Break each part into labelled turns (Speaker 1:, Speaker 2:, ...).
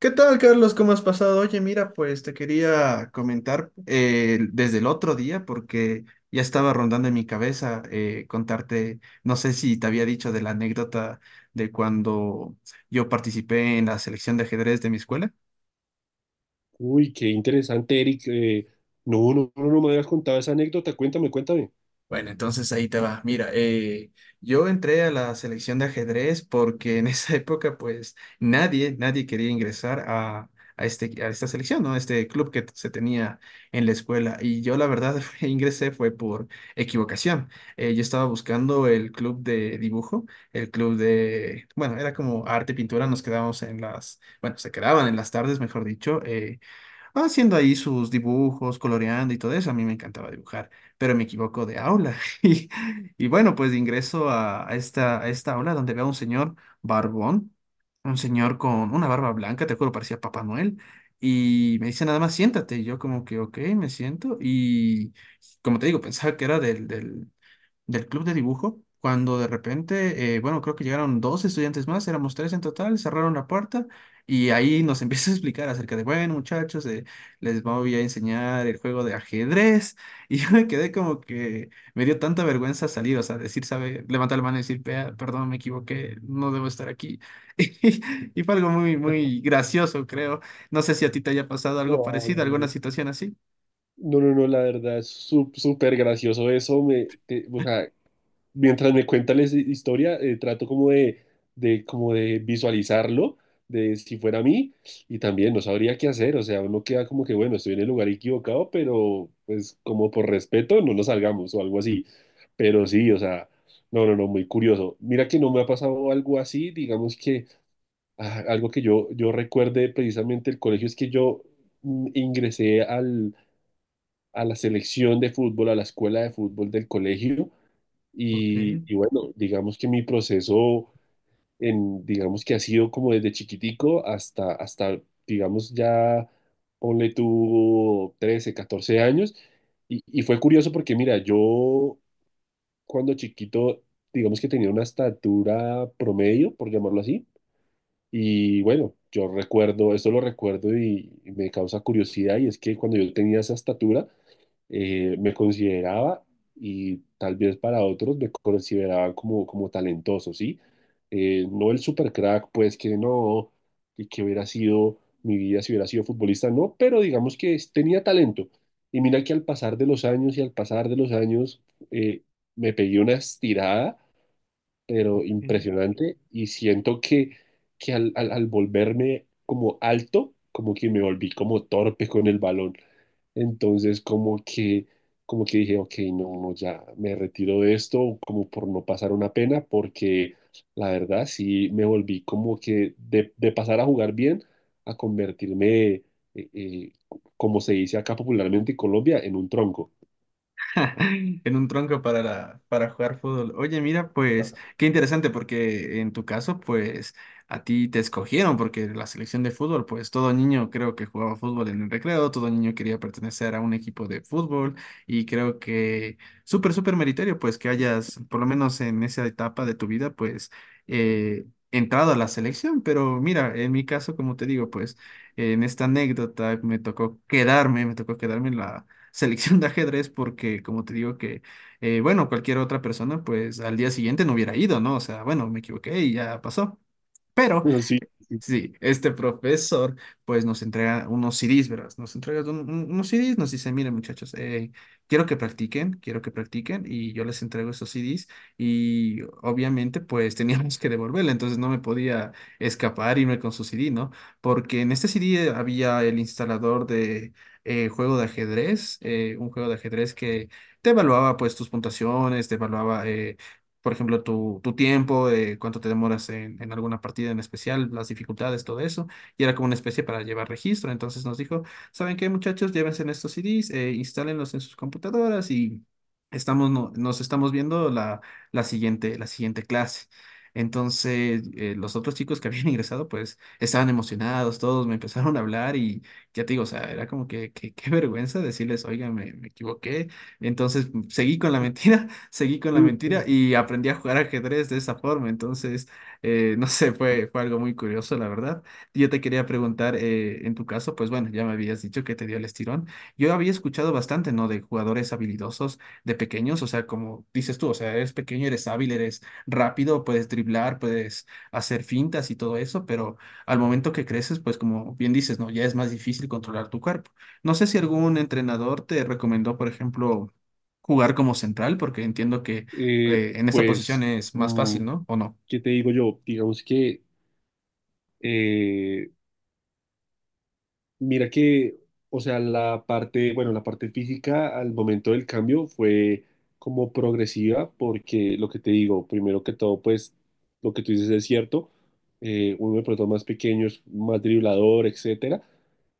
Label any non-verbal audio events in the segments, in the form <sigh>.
Speaker 1: ¿Qué tal, Carlos? ¿Cómo has pasado? Oye, mira, pues te quería comentar desde el otro día porque ya estaba rondando en mi cabeza, contarte, no sé si te había dicho de la anécdota de cuando yo participé en la selección de ajedrez de mi escuela.
Speaker 2: Uy, qué interesante, Eric. No, no, no, no me habías contado esa anécdota. Cuéntame, cuéntame.
Speaker 1: Bueno, entonces ahí te va. Mira, yo entré a la selección de ajedrez porque en <laughs> esa época, pues, nadie quería ingresar a esta selección, ¿no? Este club que se tenía en la escuela. Y yo, la verdad, <laughs> ingresé fue por equivocación. Yo estaba buscando el club de dibujo, el club de, bueno, era como arte pintura, nos quedábamos en las, bueno, se quedaban en las tardes, mejor dicho, haciendo ahí sus dibujos, coloreando y todo eso. A mí me encantaba dibujar, pero me equivoco de aula. <laughs> Y, y bueno, pues ingreso a esta aula donde veo a un señor barbón, un señor con una barba blanca, te juro, parecía Papá Noel. Y me dice nada más, siéntate. Y yo como que, ok, me siento. Y como te digo, pensaba que era del club de dibujo, cuando de repente, bueno, creo que llegaron dos estudiantes más, éramos tres en total, cerraron la puerta y ahí nos <laughs> empieza a explicar acerca de, bueno, muchachos, les voy a enseñar el juego de ajedrez. <laughs> Y yo me quedé como que me dio tanta vergüenza salir, o sea, decir, sabe, levantar la mano y decir, "Vea, perdón, me equivoqué, no debo estar aquí". <laughs> Y y fue algo muy, muy gracioso, creo. No sé si a ti te haya pasado algo
Speaker 2: No, no,
Speaker 1: parecido, alguna
Speaker 2: no,
Speaker 1: situación así.
Speaker 2: no, no, no, la verdad es súper gracioso eso. O sea, mientras me cuentas la historia, trato como como de visualizarlo, de si fuera a mí, y también no sabría qué hacer. O sea, uno queda como que, bueno, estoy en el lugar equivocado, pero pues como por respeto no nos salgamos o algo así. Pero sí, o sea, no, no, no, muy curioso. Mira que no me ha pasado algo así, digamos que... ah, algo que yo recuerde precisamente el colegio es que yo mm, ingresé al, a la selección de fútbol, a la escuela de fútbol del colegio
Speaker 1: Ok,
Speaker 2: y bueno, digamos que mi proceso en, digamos que ha sido como desde chiquitico hasta digamos ya, ponle tú 13, 14 años y fue curioso porque mira, yo cuando chiquito, digamos que tenía una estatura promedio, por llamarlo así, y bueno, yo recuerdo, esto lo recuerdo y me causa curiosidad, y es que cuando yo tenía esa estatura, me consideraba, y tal vez para otros me consideraba como, como talentoso, ¿sí? No el super crack, pues que no, y que hubiera sido mi vida si hubiera sido futbolista, no, pero digamos que tenía talento. Y mira que al pasar de los años y al pasar de los años, eh, me pegué una estirada pero
Speaker 1: ok.
Speaker 2: impresionante y siento que al volverme como alto, como que me volví como torpe con el balón. Entonces como que dije, ok, no, no, ya me retiro de esto como por no pasar una pena, porque la verdad sí me volví como que de pasar a jugar bien a convertirme, eh, como se dice acá popularmente en Colombia, en un tronco.
Speaker 1: <laughs> En un tronco para, para jugar fútbol. Oye, mira, pues qué interesante porque en tu caso, pues a ti te escogieron porque la selección de fútbol, pues todo niño creo que jugaba fútbol en el recreo, todo niño quería pertenecer a un equipo de fútbol y creo que súper, súper meritorio, pues que hayas, por lo menos en esa etapa de tu vida, pues eh, entrado a la selección. Pero mira, en mi caso, como te digo, pues en esta anécdota me tocó me tocó quedarme en la selección de ajedrez porque, como te digo, que, bueno, cualquier otra persona, pues al día siguiente no hubiera ido, ¿no? O sea, bueno, me equivoqué y ya pasó. Pero
Speaker 2: <laughs> Así,
Speaker 1: sí, este profesor pues nos entrega unos CDs, ¿verdad? Nos entrega unos CDs, nos dice, miren muchachos, quiero que quiero que practiquen y yo les entrego esos CDs, y obviamente pues <laughs> teníamos que devolverle, entonces no me podía escapar, irme con su CD, ¿no? Porque en este CD había el instalador de, juego de ajedrez, un juego de ajedrez que te evaluaba pues tus puntuaciones, te evaluaba, por ejemplo, tu tiempo, cuánto te demoras en alguna partida en especial, las dificultades, todo eso. Y era como una especie para llevar registro. Entonces nos dijo, ¿saben qué, muchachos? Llévense en estos CDs, instálenlos en sus computadoras y estamos, nos estamos viendo la, la siguiente clase. Entonces, los otros chicos que habían <laughs> ingresado, pues, estaban emocionados, todos me empezaron a hablar y ya te digo, o sea, era como que, qué vergüenza decirles, oiga, me equivoqué. Entonces, seguí con la <laughs> mentira, seguí con la mentira y aprendí a jugar ajedrez de esa forma. Entonces, no sé, fue algo muy curioso, la verdad. Yo te quería preguntar, en tu caso, pues bueno, ya me habías dicho que te dio el estirón. Yo había escuchado bastante, ¿no? De jugadores habilidosos de pequeños, o sea, como dices tú, o sea, eres pequeño, eres hábil, eres rápido, puedes driblar, puedes hacer fintas y todo eso, pero al momento que creces, pues como bien dices, ¿no? Ya es más difícil controlar tu cuerpo. No sé si algún entrenador te recomendó, por ejemplo, jugar como central, porque entiendo que
Speaker 2: eh,
Speaker 1: en esa posición
Speaker 2: pues...
Speaker 1: es más
Speaker 2: mm,
Speaker 1: fácil, ¿no? ¿O no?
Speaker 2: ¿Qué te digo yo? Digamos que, eh, mira que, o sea, la parte, bueno, la parte física al momento del cambio fue como progresiva, porque lo que te digo, primero que todo, pues, lo que tú dices es cierto, uno de pronto más pequeño es más driblador, etcétera.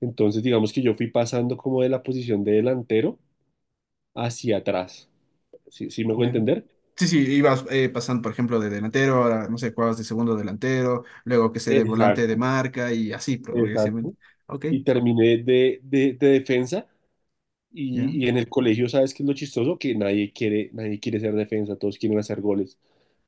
Speaker 2: Entonces, digamos que yo fui pasando como de la posición de delantero hacia atrás. ¿Sí, sí me hago
Speaker 1: Ya.
Speaker 2: entender?
Speaker 1: Sí, sí, ibas pasando, por ejemplo, de delantero, a no sé, jugabas de segundo delantero, luego que sé, de volante de
Speaker 2: Exacto,
Speaker 1: marca y así progresivamente.
Speaker 2: exacto.
Speaker 1: Ok,
Speaker 2: Y terminé de defensa.
Speaker 1: ya.
Speaker 2: Y en el colegio, ¿sabes qué es lo chistoso? Que nadie quiere, nadie quiere ser defensa, todos quieren hacer goles.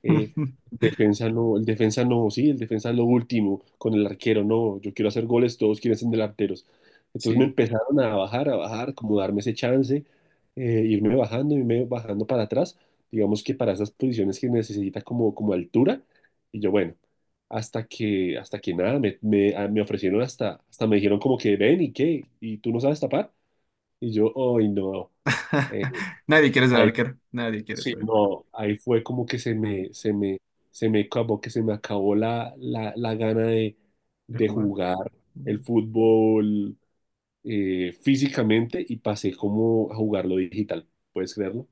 Speaker 2: Eh,
Speaker 1: <laughs>
Speaker 2: Defensa no, el defensa no, sí, el defensa es lo último, con el arquero no, yo quiero hacer goles, todos quieren ser delanteros. Entonces me
Speaker 1: Sí.
Speaker 2: empezaron a bajar, como darme ese chance, irme bajando para atrás, digamos que para esas posiciones que necesita como, como altura. Y yo, bueno, hasta que nada, me ofrecieron hasta me dijeron como que ven y qué, y tú no sabes tapar. Y yo, ay, no. Eh,
Speaker 1: <laughs> Nadie quiere ser
Speaker 2: Ahí,
Speaker 1: arquero, nadie quiere
Speaker 2: sí,
Speaker 1: ser arquero
Speaker 2: no, ahí fue como que se me acabó, que se me acabó la gana
Speaker 1: de
Speaker 2: de
Speaker 1: jugar.
Speaker 2: jugar el fútbol físicamente y pasé como a jugarlo digital. ¿Puedes creerlo?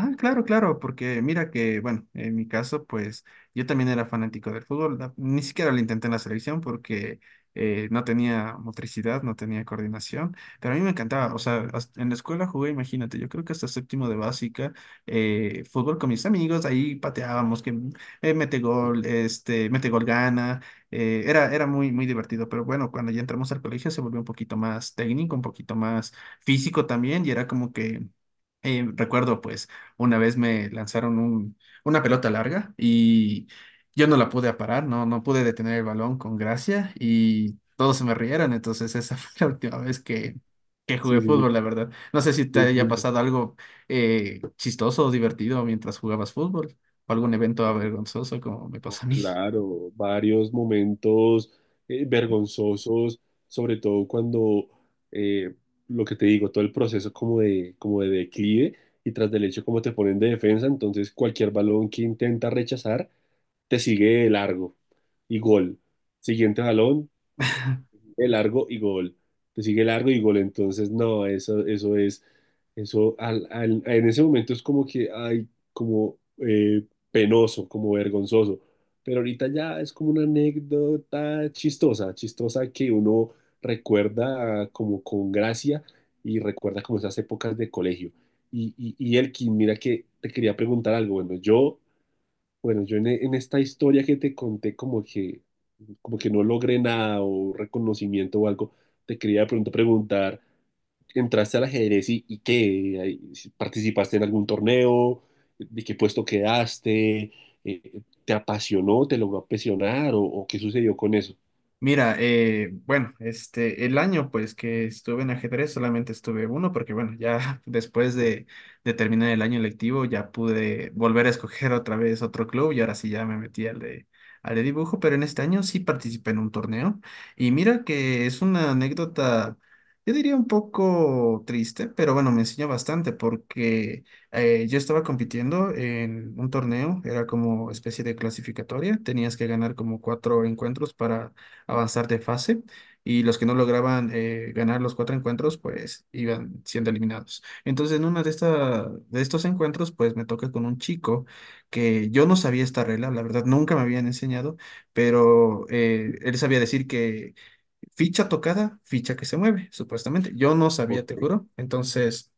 Speaker 1: Ah, claro, claro, porque mira que, bueno, en mi caso, pues yo también era fanático del fútbol. Ni siquiera lo intenté en la selección porque no tenía motricidad, no tenía coordinación, pero a mí me encantaba. O sea, en la escuela jugué, imagínate, yo creo que hasta séptimo de básica, fútbol con mis amigos, ahí pateábamos, que mete gol, este, mete gol gana. Era muy, muy divertido, pero bueno, cuando ya entramos al colegio se volvió un poquito más técnico, un poquito más físico también, y era como que recuerdo pues una vez me lanzaron una pelota larga y yo no la pude aparar, no, no pude detener el balón con gracia y todos se me rieron. Entonces esa <laughs> fue la última vez que jugué
Speaker 2: Sí, sí,
Speaker 1: fútbol, la verdad. No sé si te haya
Speaker 2: sí.
Speaker 1: pasado algo chistoso o divertido mientras jugabas fútbol o algún evento avergonzoso como me pasó a mí.
Speaker 2: Claro, varios momentos vergonzosos, sobre todo cuando eh, lo que te digo, todo el proceso como de declive y tras del hecho como te ponen de defensa, entonces cualquier balón que intenta rechazar te sigue de largo y gol. Siguiente balón, sigue largo y gol. Te sigue largo y gol. Entonces, no, eso es, eso en ese momento es como que, ay, como penoso, como vergonzoso. Pero ahorita ya es como una anécdota chistosa, chistosa que uno recuerda como con gracia y recuerda como esas épocas de colegio. Y Elkin, mira que te quería preguntar algo. Bueno, yo bueno, yo en esta historia que te conté como que no logré nada o reconocimiento o algo, te quería de pronto preguntar, ¿entraste al ajedrez y qué? Ahí, si ¿participaste en algún torneo? ¿De qué puesto quedaste? ¿Te apasionó? ¿Te logró apasionar? O qué sucedió con eso?
Speaker 1: Mira, bueno, este, el año pues que estuve en ajedrez solamente estuve uno porque bueno, ya <laughs> después de terminar el año lectivo ya pude volver a escoger otra vez otro club y ahora sí ya me metí al de dibujo, pero en este año sí participé en un torneo y mira que es una anécdota, yo diría un poco triste, pero bueno, me enseñó bastante porque, yo estaba compitiendo en un torneo, era como especie de clasificatoria, tenías que ganar como cuatro encuentros para avanzar de fase y los que no lograban, ganar los cuatro encuentros, pues iban siendo eliminados. Entonces, en una de de estos encuentros, pues me toca con un chico que yo no sabía esta regla, la verdad nunca me habían enseñado, pero él sabía decir que ficha tocada, ficha que se mueve, supuestamente. Yo no
Speaker 2: Ok.
Speaker 1: sabía, te juro. Entonces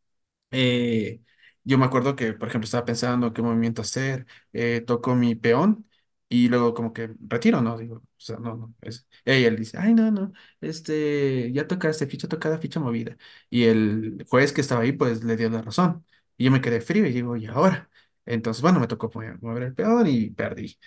Speaker 1: Eh, yo me acuerdo que, por ejemplo, estaba pensando qué movimiento hacer, toco mi peón y luego como que retiro, ¿no? Digo, o sea, no, no, es. Y él dice, ay, no, no, este, ya tocaste, ficha tocada, ficha movida. Y el juez que estaba ahí, pues, le dio la razón. Y yo me quedé frío y digo, ¿y ahora? Entonces, bueno, me tocó mover el peón y perdí.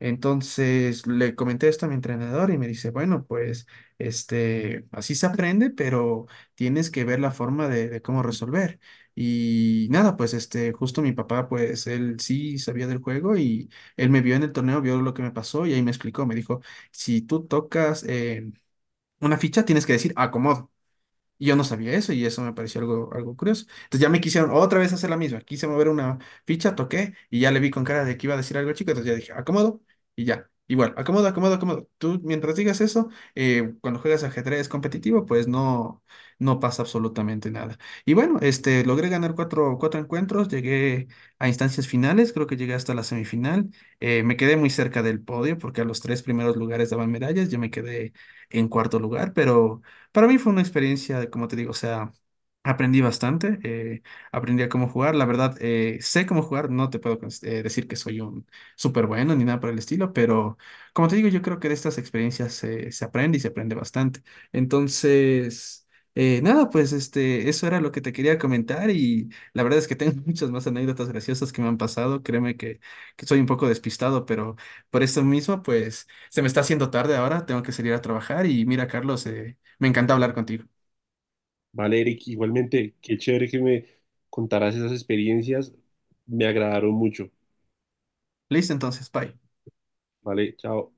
Speaker 1: Entonces, le comenté esto a mi entrenador y me dice, bueno, pues, este, así se aprende, pero tienes que ver la forma de cómo resolver. Y nada, pues este, justo mi papá, pues él sí sabía del juego y él me vio en el torneo, vio lo que me pasó y ahí me explicó, me dijo, si tú tocas, una ficha, tienes que decir acomodo. Y yo no sabía eso y eso me pareció algo, algo curioso. Entonces ya me quisieron otra vez hacer la misma. Quise mover una ficha, toqué y ya le vi con cara de que iba a decir algo chico. Entonces ya dije, acomodo y ya. Igual, acomodo, acomodo, acomodo. Tú mientras digas eso, cuando juegas ajedrez competitivo, pues no, no pasa absolutamente nada. Y bueno, este, logré ganar cuatro encuentros, llegué a instancias finales, creo que llegué hasta la semifinal. Me quedé muy cerca del podio porque a los tres primeros lugares daban medallas, yo me quedé en cuarto lugar, pero para mí fue una experiencia, como te digo, o sea, aprendí bastante, aprendí a cómo jugar, la verdad, sé cómo jugar, no te puedo decir que soy un súper bueno ni nada por el estilo, pero como te digo, yo creo que de estas experiencias, se aprende y se aprende bastante. Entonces, nada, pues este, eso era lo que te quería comentar y la verdad es que tengo <laughs> muchas más anécdotas graciosas que me han pasado, créeme que soy un poco despistado, pero por eso mismo, pues se me está haciendo tarde ahora, tengo que salir a trabajar y mira, Carlos, me encanta hablar contigo.
Speaker 2: Vale, Eric, igualmente, qué chévere que me contaras esas experiencias, me agradaron mucho.
Speaker 1: Listo, entonces, bye.
Speaker 2: Vale, chao.